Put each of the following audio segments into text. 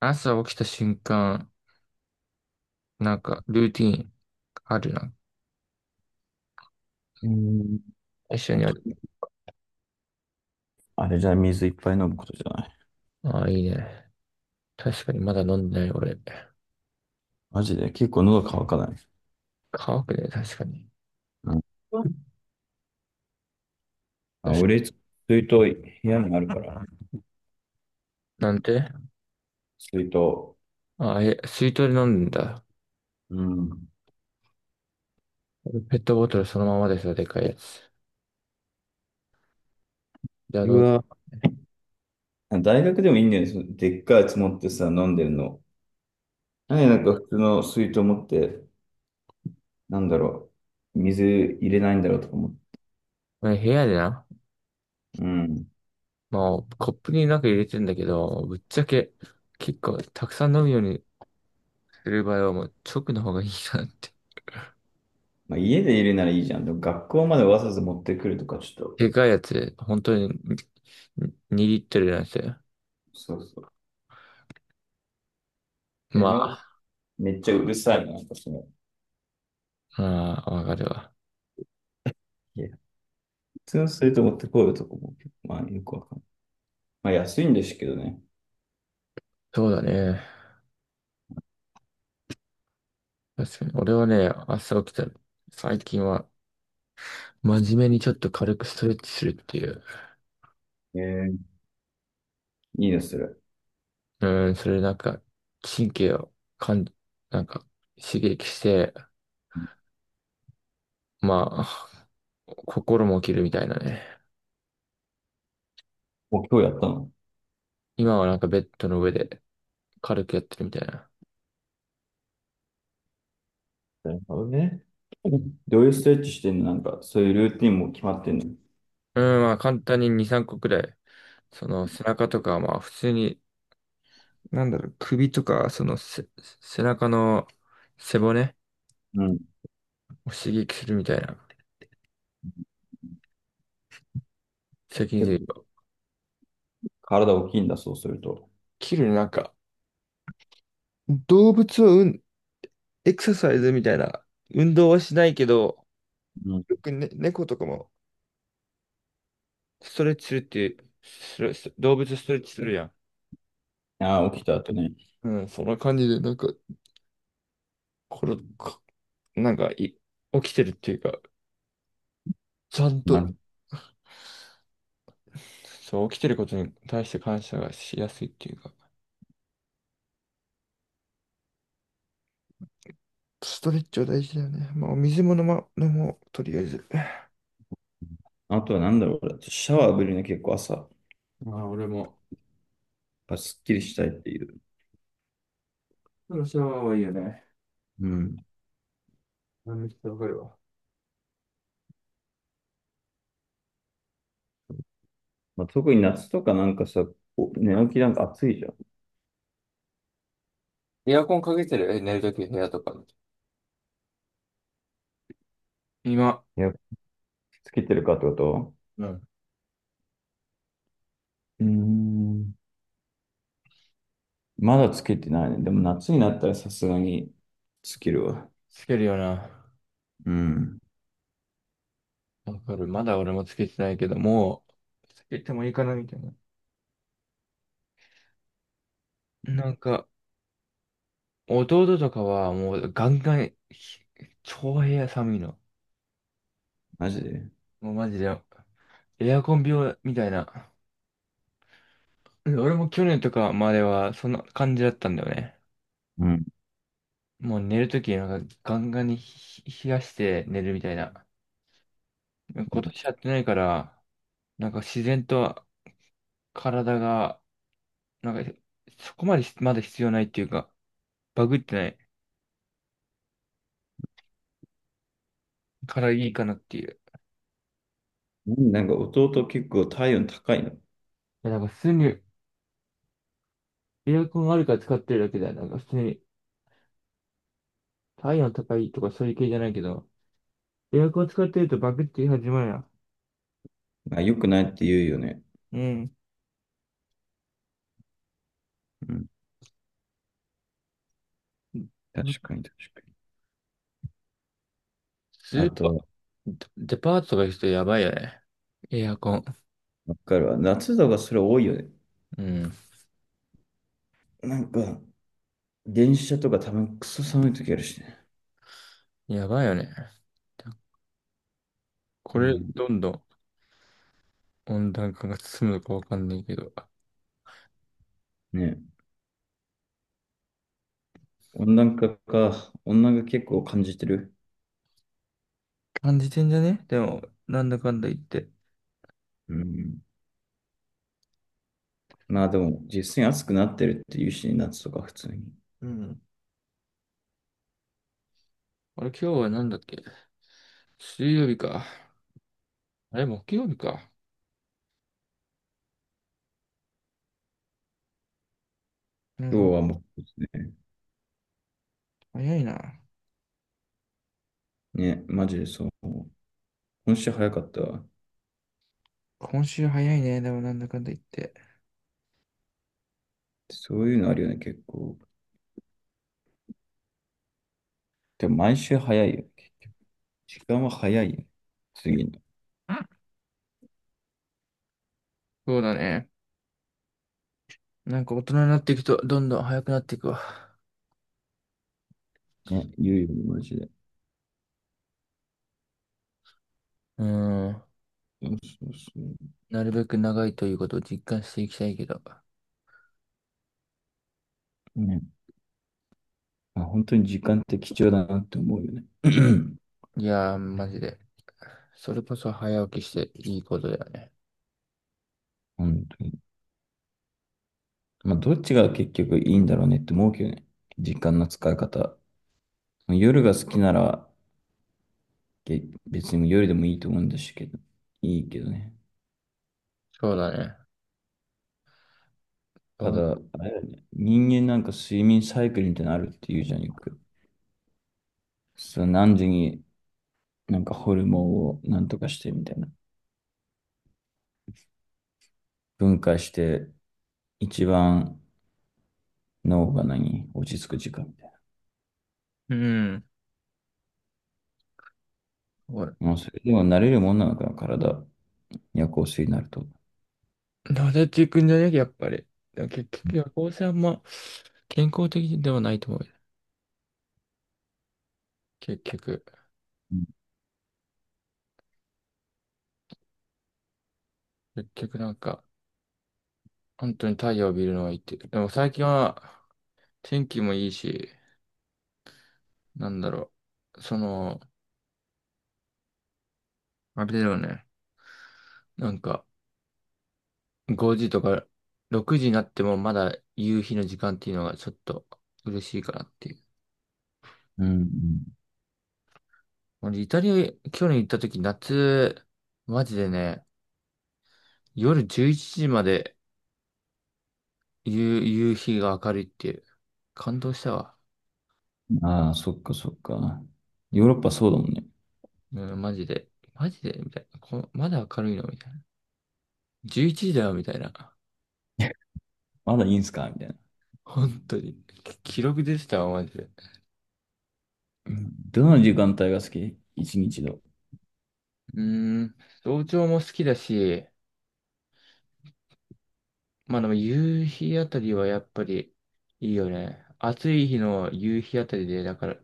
朝起きた瞬間、ルーティーンあるな。うーん。一緒あにあと、る。あれじゃ水いっぱい飲むことじゃない。ああ、いいね。確かに、まだ飲んでない、俺。マジで、結構喉乾かない。乾くね、確かに。うん。あ、確か俺、に。水筒部屋にあるから、なんて、水筒。ああ、え、水筒で飲んだんだ。うん。ペットボトルそのままでさ、でかいやつ。じゃあ、うどう、わ、大学でもいいんだよね。そのでっかいやつ持ってさ、飲んでるの。なんでなんか普通の水筒持って、なんだろう、水入れないんだろうとか思って。ね、部屋でな。うん。まあ、コップになんか入れてんだけど、ぶっちゃけ、結構、たくさん飲むようにする場合は、もう、直の方がいいなって。まあ、家で入れならいいじゃん。でも学校までわざわざ持ってくるとか、ちょっと、でかいやつ、本当に、2リットルなんですよ。そうそう。で、まあ、めっちゃうるさいな、なんかその、ああ、わかるわ。通すると思ってこういうとこも、まあよくわかんない。まあ安いんですけどね。そうだね。確かに。俺はね、朝起きたら、最近は、真面目にちょっと軽くストレッチするっていう。えー、いいですそれ。うん、それ神経をかん、なんか、刺激して、まあ、心も起きるみたいなね。もう今日やったの？今はベッドの上で軽くやってるみたいな。なるほどね。どういうストレッチしてんの？なんか、そういうルーティンも決まってんの？うん、まあ簡単に2、3個くらい。その背中とか、まあ普通に、なんだろう、首とか、そのせ、背中の背骨うん。を刺激するみたいな。責任結で構体大きいんだ、そうすると。切る、動物を、うん、エクササイズみたいな、運動はしないけど、うん。よく、ね、猫とかもストレッチするっていう、ストレス動物ストレッチするやん。ああ、起きた後ね。うん、そんな感じで、これ、か、なんかい、起きてるっていうか、ちゃんと、なそう、起きてることに対して感謝がしやすいっていうか、ストレッチは大事だよね。まあ、お水も飲ま、飲もう、とりあえず。あとはなんだろう、シャワー浴びるね、結構朝、やっまあ、俺も、ぱすっきりしたいっていう。そのシャワーはいいよね。うん。うん、めっちゃわかるわ。まあ、特に夏とかなんかさ、こう寝起きなんか暑いじゃん。エアコンかけてる、え、寝るとき部屋とかの。今、いや、つけてるかってこと？うん、うーん。まだつけてないね。でも夏になったらさすがにつけるわ。つけるよな。うん。わかる。まだ俺もつけてないけど、もう、つけてもいいかなみたいな。なんか、弟とかはもうガンガン、ひ、超部屋寒いの。マジで。もうマジで、エアコン病みたいな。で、俺も去年とかまではそんな感じだったんだよね。うん。もう寝るときなんかガンガンにひ、冷やして寝るみたいな。今年やってないから、なんか自然と体が、なんか、そこまでしまだ必要ないっていうか、バグってない。からいいかなっていう。いなんか弟結構体温高いの？や、なんか普通にエアコンあるから使ってるだけだよ。なんか普通に体温高いとかそういう系じゃないけど、エアコン使ってるとバグって始まるやん。あ、良くないって言うよね。うん。うん。確かに、確かスに。あーパと、ー、デパートとか行くとやばいよね。エアコン。わかるわ。夏とかそれ多いよね。うん。なんか、電車とか多分クソ寒い時あるしね。やばいよね。うこれ、ん。どんどん温暖化が進むのかわかんないけど。ね。温暖化か。温暖化結構感じてる。感じてんじゃね、でも、なんだかんだ言って。うん。まあでも、実際に暑くなってるっていうしね、夏とか普通に。うん。あれ、今日はなんだっけ、水曜日か。あれ、木曜日か。なる今ほ日ど。はもう早いな。ね、ね、マジでそう。今週早かったわ。今週早いね。でもなんだかんだ言って。そういうのあるよね、結構。でも毎週早いよね。時間は早いよ。次の。そうだね。なんか大人になっていくとどんどん早くなっていくわ。ね、言うよね、マジで。うーん。そうそうそなるべく長いということを実感していきたいけど。う。ね。まあ、本当に時間って貴重だなって思うよね。いやー、マジで。それこそ早起きしていいことだよね。本当に。まあ、どっちが結局いいんだろうねって思うけどね。時間の使い方。夜が好きなら、別に夜でもいいと思うんですけど、いいけどね。そうだね。たそう、だ、あれだよね、人間なんか睡眠サイクルみたいなのあるって言うじゃん、よく。そう、何時になんかホルモンをなんとかしてみたいな。分解して、一番脳が何落ち着く時間みたいうん。ほら。な。もうそれでも慣れるもんなのかな、体。夜行性になると。なでていくんじゃね、やっぱり。でも結局、夜行性あんま健康的ではないと思うよ。結局。うん。結局本当に太陽を見るのはいいって。でも最近は天気もいいし、なんだろう。その、あれだよね。なんか、5時とか6時になってもまだ夕日の時間っていうのがちょっと嬉しいかなっていう。うん、俺、イタリア、去年行った時、夏、マジでね、夜11時まで夕、夕日が明るいっていう。感動したわ。ああ、そっか、そっか。ヨーロッパそうだもんね。うん、マジで。マジでみたいな。こ、まだ明るいのみたいな。11時だよみたいな。まだいいんすかみたいな。本当に。き、記録出てたわ、マジで。うん。どの時間帯が好き？一日の。うーん。早朝も好きだし、まあでも夕日あたりはやっぱりいいよね。暑い日の夕日あたりで、だから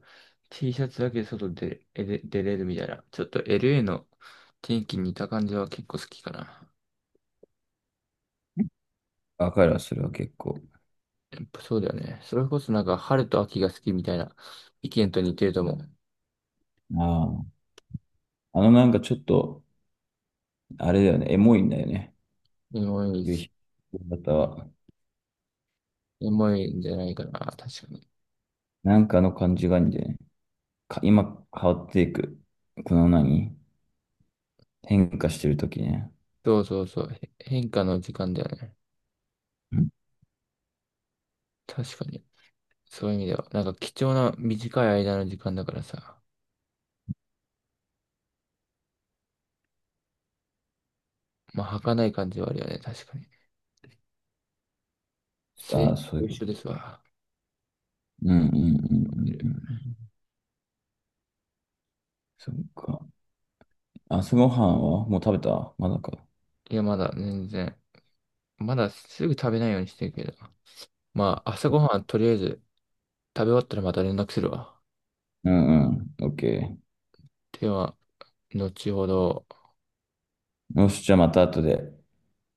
T シャツだけで外でえで出れるみたいな。ちょっと LA の天気に似た感じは結構好きかな。わかるわ、それは結構。やっぱそうだよね。それこそなんか春と秋が好きみたいな意見と似てると思う。ああ。あのなんかちょっと、あれだよね、エモいんだよね。エモいで夕す、日の方は。エモいんじゃないかな。確かに。なんかの感じがいいんだよね。か今変わっていく。この何変化してるときね。そうそうそう。へ、変化の時間だよね。ん確かに。そういう意味では。なんか貴重な短い間の時間だからさ。まあ儚い感じはあるよね。確かに。あ制あ、そういと一う。緒ですわ。うん、うん、うん、うん、うん。そっか。朝ごはんはもう食べた？まだか。いや、まだ全然。まだすぐ食べないようにしてるけど。まあ、朝ごはんとりあえず食べ終わったらまた連絡するわ。うん、うん。オッケでは、後ほど。ー。よし、じゃあまた後で。